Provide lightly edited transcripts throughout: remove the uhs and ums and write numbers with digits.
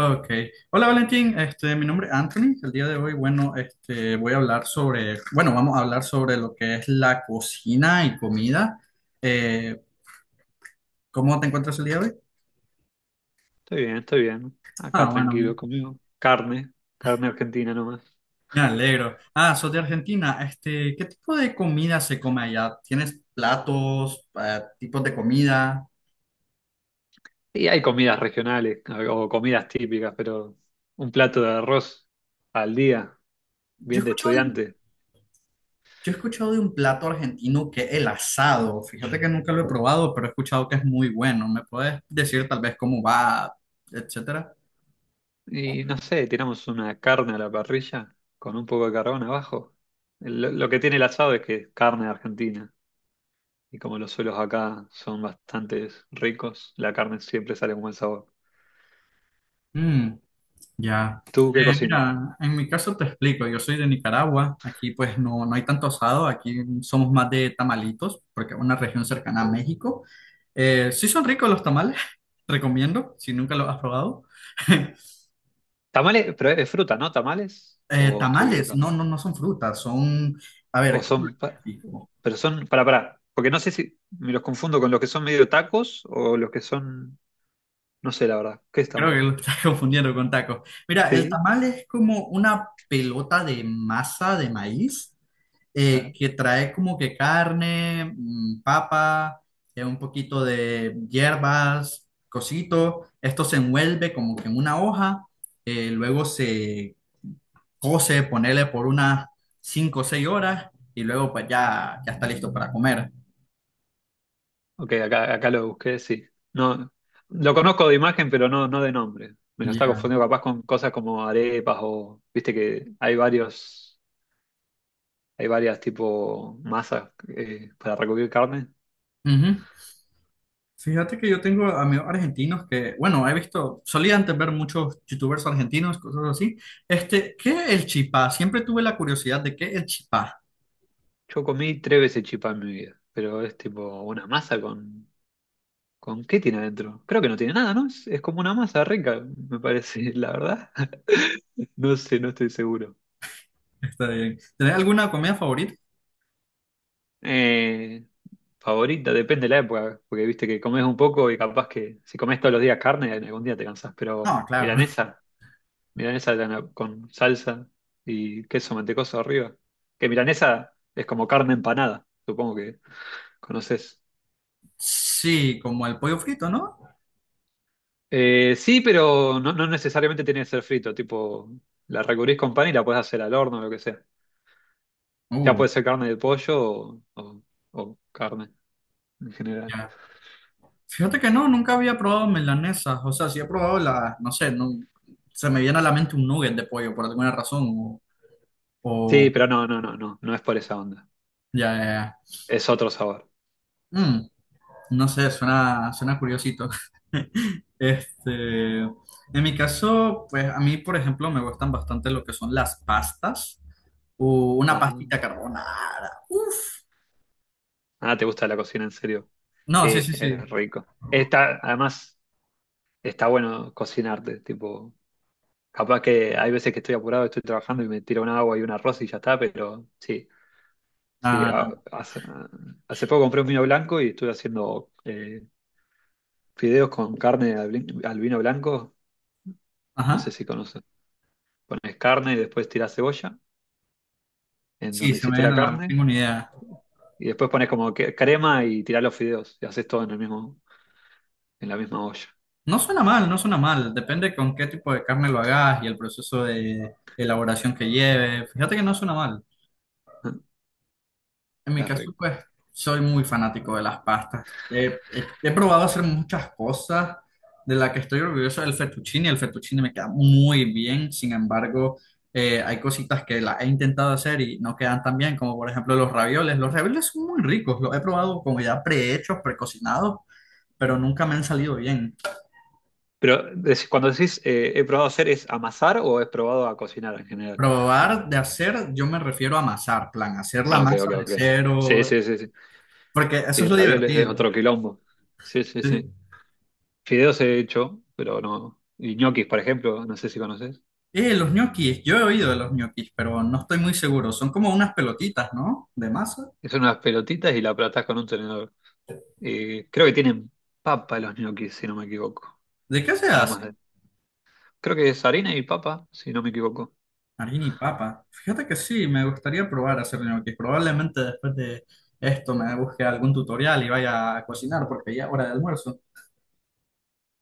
Ok. Hola Valentín, mi nombre es Anthony. El día de hoy, bueno, voy a hablar sobre, bueno, vamos a hablar sobre lo que es la cocina y comida. Eh, ¿cómo te encuentras el día de hoy? Estoy bien, estoy bien. Acá Ah, tranquilo, bueno, comiendo carne, carne argentina nomás. me alegro. Ah, sos de Argentina. ¿Qué tipo de comida se come allá? ¿Tienes platos, tipos de comida? Y hay comidas regionales o comidas típicas, pero un plato de arroz al día, Yo he bien de escuchado de un, estudiante. yo he escuchado de un plato argentino que es el asado. Fíjate que nunca lo he probado, pero he escuchado que es muy bueno. ¿Me puedes decir tal vez cómo va, etcétera? Y no sé, tiramos una carne a la parrilla con un poco de carbón abajo. Lo que tiene el asado es que es carne argentina. Y como los suelos acá son bastante ricos, la carne siempre sale con buen sabor. Mm, ya. ¿Tú qué Eh, cocinas? mira, en mi caso te explico, yo soy de Nicaragua, aquí pues no, no hay tanto asado, aquí somos más de tamalitos, porque es una región cercana a México. Sí son ricos los tamales, recomiendo, si nunca los has probado. Tamales, pero es fruta, ¿no? ¿Tamales? Eh, ¿O estoy tamales, no, equivocado? no, no son frutas, son, a ¿O ver, ¿cómo lo son...? explico? Pero son, porque no sé si me los confundo con los que son medio tacos o los que son, no sé la verdad, ¿qué está Creo que mal? lo estás confundiendo con tacos. Mira, el Sí, tamal es como una pelota de masa de maíz, a ver. que trae como que carne, papa, un poquito de hierbas, cosito. Esto se envuelve como que en una hoja, luego se cose, ponerle por unas 5 o 6 horas y luego pues ya está listo para comer. Ok, acá lo busqué, sí. No, lo conozco de imagen, pero no, no de nombre. Me lo está Ya. confundiendo capaz con cosas como arepas o, viste que hay varios, hay varias tipo masas para recubrir carne. Ujú. Fíjate que yo tengo amigos argentinos que, bueno, he visto, solía antes ver muchos youtubers argentinos, cosas así. ¿Qué es el chipá? Siempre tuve la curiosidad de qué es el chipá. Yo comí tres veces chipá en mi vida, pero es tipo una masa con ¿con qué tiene adentro? Creo que no tiene nada, ¿no? Es como una masa rica, me parece, la verdad. No sé, no estoy seguro. Está bien. ¿Tenés alguna comida favorita? Eh, Favorita, depende de la época, porque viste que comes un poco y capaz que si comes todos los días carne, algún día te cansás, No, pero claro. milanesa, con salsa y queso mantecoso arriba. Que milanesa es como carne empanada, supongo que conoces. Sí, como el pollo frito, ¿no? Sí, pero no, no necesariamente tiene que ser frito, tipo, la recubrís con pan y la puedes hacer al horno o lo que sea. Ya Uh, puede ser carne de pollo o carne en general. ya. Fíjate que no, nunca había probado milanesas. O sea, sí he probado la, no sé, no, se me viene a la mente un nugget de pollo por alguna razón. Sí, o- pero no es por esa onda. ya, ya, Es otro sabor. ya. No sé, suena curiosito. En mi caso, pues a mí, por ejemplo, me gustan bastante lo que son las pastas, o una Ah, pastita carbonara. Uf. ah, ¿te gusta la cocina en serio? No, sí, Sí, sí, sí, sí. es rico. Está, además, está bueno cocinarte, tipo, capaz que hay veces que estoy apurado, estoy trabajando y me tiro un agua y un arroz y ya está, pero sí, sí. Ah, no. Hace, hace poco compré un vino blanco y estuve haciendo fideos con carne al vino blanco, no sé Ajá. si conoces. Pones carne y después tirás cebolla en Sí, donde se me hiciste la viene a la. carne Tengo una idea. y después pones crema y tirás los fideos y haces todo en el mismo, en la misma olla. No suena mal, no suena mal. Depende con qué tipo de carne lo hagas y el proceso de elaboración que lleve. Fíjate que no suena mal. En mi Es caso, rico. pues, soy muy fanático de las pastas. He, he probado hacer muchas cosas de las que estoy orgulloso del fettuccine. El fettuccine me queda muy bien. Sin embargo, hay cositas que las he intentado hacer y no quedan tan bien, como por ejemplo los ravioles. Los ravioles son muy ricos. Los he probado como ya prehechos, precocinados, pero nunca me han salido bien. Pero cuando decís he probado hacer, ¿es amasar o he probado a cocinar en general? Probar de hacer, yo me refiero a amasar, plan, hacer la Ah, Ah, ok, masa ok, de ok. Sí, cero, sí, sí, sí. porque eso Y es lo ravioles es divertido. otro quilombo. Sí, sí, Eh, sí. Fideos he hecho, pero no. Y ñoquis, por ejemplo, no sé si conoces. los ñoquis, yo he oído de los ñoquis, pero no estoy muy seguro. Son como unas pelotitas, ¿no? De masa. Que son unas pelotitas y la aplatás con un tenedor. Y creo que tienen papa los ñoquis, si no me equivoco. ¿De qué se Además hacen? de. Creo que es harina y papa, si no me equivoco. Harina y papa. Fíjate que sí, me gustaría probar a hacer ñoquis. Probablemente después de esto me busque algún tutorial y vaya a cocinar, porque ya es hora de almuerzo.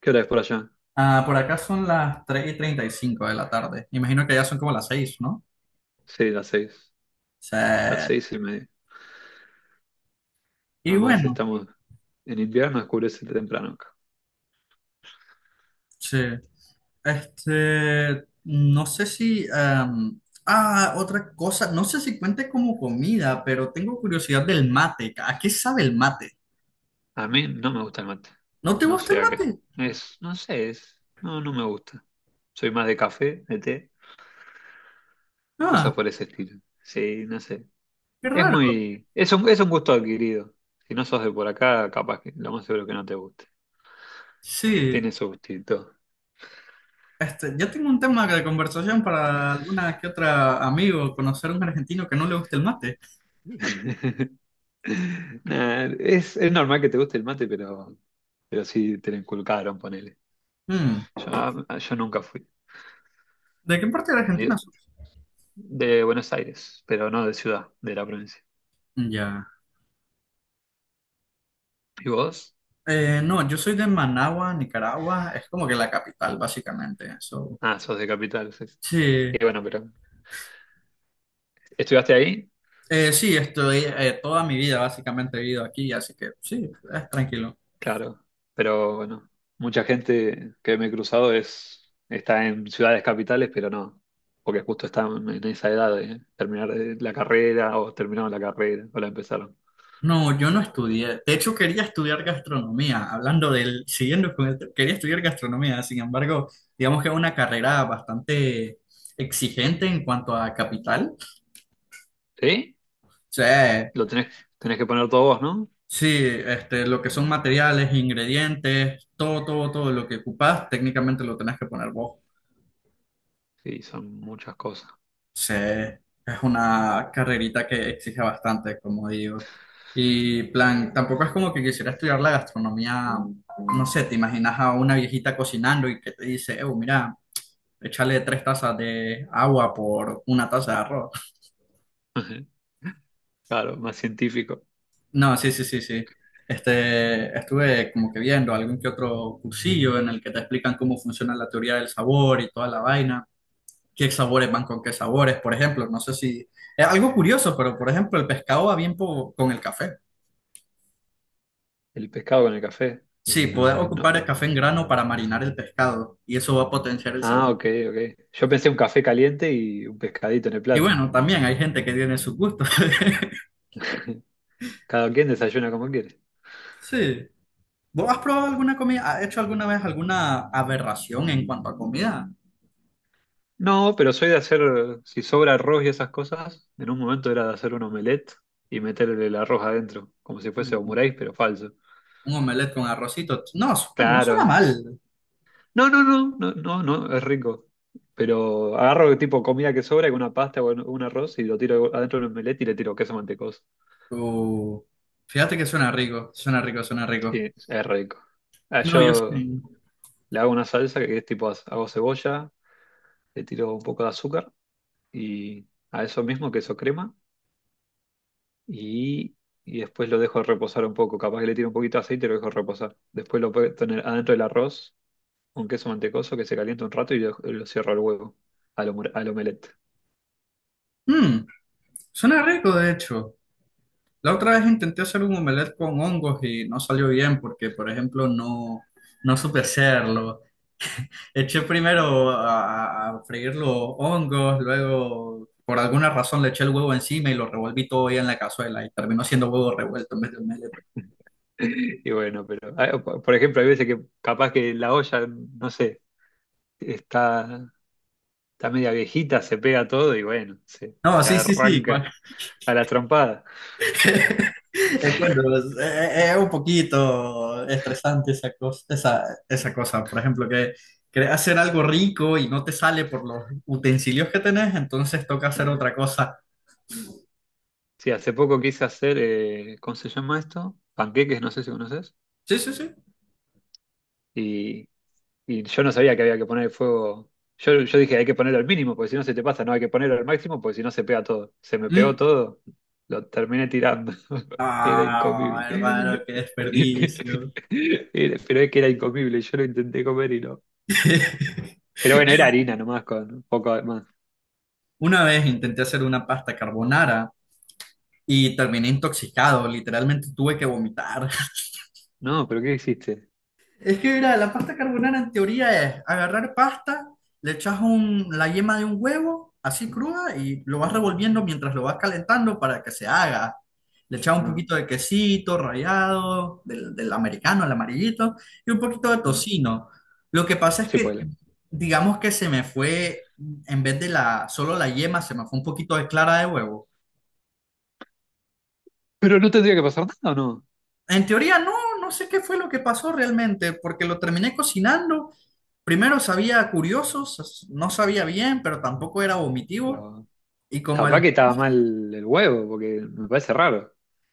¿Qué hora es por allá? Ah, por acá son las 3:35 de la tarde. Imagino que ya son como las 6, ¿no? Sí, las seis. Sí. Las seis y media. Y Además, bueno, estamos en invierno, oscurece temprano acá. sí. No sé si, otra cosa, no sé si cuente como comida, pero tengo curiosidad del mate. ¿A qué sabe el mate? A mí no me gusta el mate. ¿No te No gusta sé el a qué es. mate? No sé, es. No, no me gusta. Soy más de café, de té, cosas Ah, por ese estilo. Sí, no sé. qué Es raro. muy. Es un gusto adquirido. Si no sos de por acá, capaz que lo más seguro que no te guste. Sí, Tiene su gustito. Yo tengo un tema de conversación para alguna que otra amigo, conocer a un argentino que no le guste el mate. Nah, es normal que te guste el mate, pero sí te lo inculcaron, ponele. Hmm, Yo nunca fui. ¿De qué parte de Argentina Digo, sos? de Buenos Aires, pero no de ciudad, de la provincia. Ya. ¿Y vos? No, yo soy de Managua, Nicaragua. Es como que la capital, básicamente. So, Ah, sos de capital, sí. sí. Y bueno, pero ¿estudiaste ahí? Sí, estoy toda mi vida básicamente he vivido aquí, así que sí, es tranquilo. Claro, pero bueno, mucha gente que me he cruzado es, está en ciudades capitales, pero no, porque justo están en esa edad de terminar la carrera o terminaron la carrera o la empezaron. No, yo no estudié. De hecho, quería estudiar gastronomía, hablando del, siguiendo con el, quería estudiar gastronomía, sin embargo, digamos que es una carrera bastante exigente en cuanto a capital. O ¿Sí? sea, Lo tenés, tenés que poner todo vos, ¿no? sí, lo que son materiales, ingredientes, todo, todo, todo lo que ocupas, técnicamente lo tenés que poner vos. Sí, son muchas cosas. Sí, es una carrerita que exige bastante, como digo. Y plan, tampoco es como que quisiera estudiar la gastronomía, no sé, te imaginas a una viejita cocinando y que te dice, mira, échale 3 tazas de agua por 1 taza de arroz. Claro, más científico. No, sí, sí, sí, sí. Estuve como que viendo algún que otro cursillo en el que te explican cómo funciona la teoría del sabor y toda la vaina. Qué sabores van con qué sabores, por ejemplo. No sé si es algo curioso, pero por ejemplo, el pescado va bien con el café. El pescado con el café. Y Sí, no puedes sé, no, ocupar el café en grano para marinar el pescado y eso va a potenciar el sabor. ah, ok, ok. Yo pensé un café caliente y un pescadito en el Y plato. bueno, también hay gente que tiene sus gustos. Cada quien desayuna como quiere. Sí. ¿Vos has probado alguna comida? ¿Has hecho alguna vez alguna aberración en cuanto a comida? No, pero soy de hacer, si sobra arroz y esas cosas, en un momento era de hacer un omelette y meterle el arroz adentro, como si fuese Uh, omuráis, pero falso. un omelette con arrocito. No, no suena Claro. mal. No, es rico. Pero agarro tipo comida que sobra, una pasta o un arroz y lo tiro adentro de un omelette y le tiro queso mantecoso. Uh, fíjate que suena rico, suena rico, suena rico. Sí, es rico. Ah, No, yo yo sí. le hago una salsa que es tipo, hago cebolla, le tiro un poco de azúcar y a eso mismo, queso crema, y, y después lo dejo reposar un poco. Capaz que le tiro un poquito de aceite y lo dejo reposar. Después lo puedo tener adentro del arroz, un queso mantecoso que se calienta un rato y lo cierro al huevo, al omelette. Mm, suena rico, de hecho. La otra vez intenté hacer un omelette con hongos y no salió bien porque, por ejemplo, no, no supe hacerlo. Eché primero freír los hongos, luego por alguna razón le eché el huevo encima y lo revolví todo bien en la cazuela y terminó siendo huevo revuelto en vez de omelette. Y bueno, pero por ejemplo, hay veces que capaz que la olla, no sé, está, está media viejita, se pega todo y bueno, No, se sí, sí, sí. Arranca a la trompada. Es cuando es, es un poquito estresante esa cosa, esa cosa. Por ejemplo, que querés hacer algo rico y no te sale por los utensilios que tenés, entonces toca hacer otra cosa. Sí, hace poco quise hacer, ¿cómo se llama esto? Panqueques, no sé si conoces. Sí, sí, sí. Y, y yo no sabía que había que poner el fuego. Yo dije, hay que ponerlo al mínimo, porque si no se te pasa, no hay que ponerlo al máximo, porque si no se pega todo. Se me pegó Mm. todo, lo terminé tirando. Era Ah, hermano, incomible. qué desperdicio. Era- pero es que era incomible, yo lo intenté comer y no. Pero bueno, era harina nomás, con un poco de más. Una vez intenté hacer una pasta carbonara y terminé intoxicado, literalmente tuve que vomitar. No, pero ¿qué hiciste? Es que mira, la pasta carbonara en teoría es agarrar pasta, le echas la yema de un huevo así cruda y lo vas revolviendo mientras lo vas calentando para que se haga. Le echas un No, poquito de quesito rallado, del americano, el amarillito, y un poquito de no, tocino. Lo que pasa es sí que, puede. digamos que se me fue, en vez de la, solo la yema, se me fue un poquito de clara de huevo. Pero no tendría que pasar nada, ¿o no? En teoría no, no sé qué fue lo que pasó realmente, porque lo terminé cocinando. Primero sabía curioso, no sabía bien, pero tampoco era vomitivo. Pero Y como capaz al- que estaba mal el huevo, porque me parece raro.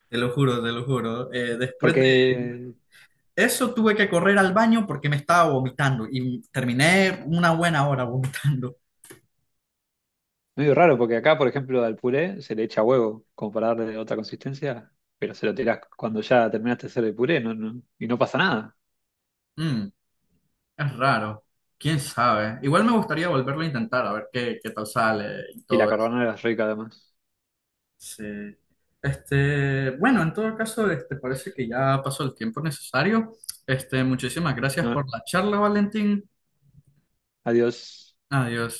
Te lo juro, te lo juro, después de Porque eso tuve que correr al baño porque me estaba vomitando y terminé una buena hora vomitando. medio raro, porque acá, por ejemplo, al puré se le echa huevo, como para darle otra consistencia, pero se lo tirás cuando ya terminaste de hacer el puré, no, no, y no pasa nada. Mm, es raro, quién sabe. Igual me gustaría volverlo a intentar, a ver qué tal sale y Y la todo. carbonara es rica además. Sí. Bueno, en todo caso, parece que ya pasó el tiempo necesario. Muchísimas gracias No, por la charla, Valentín. adiós. Adiós.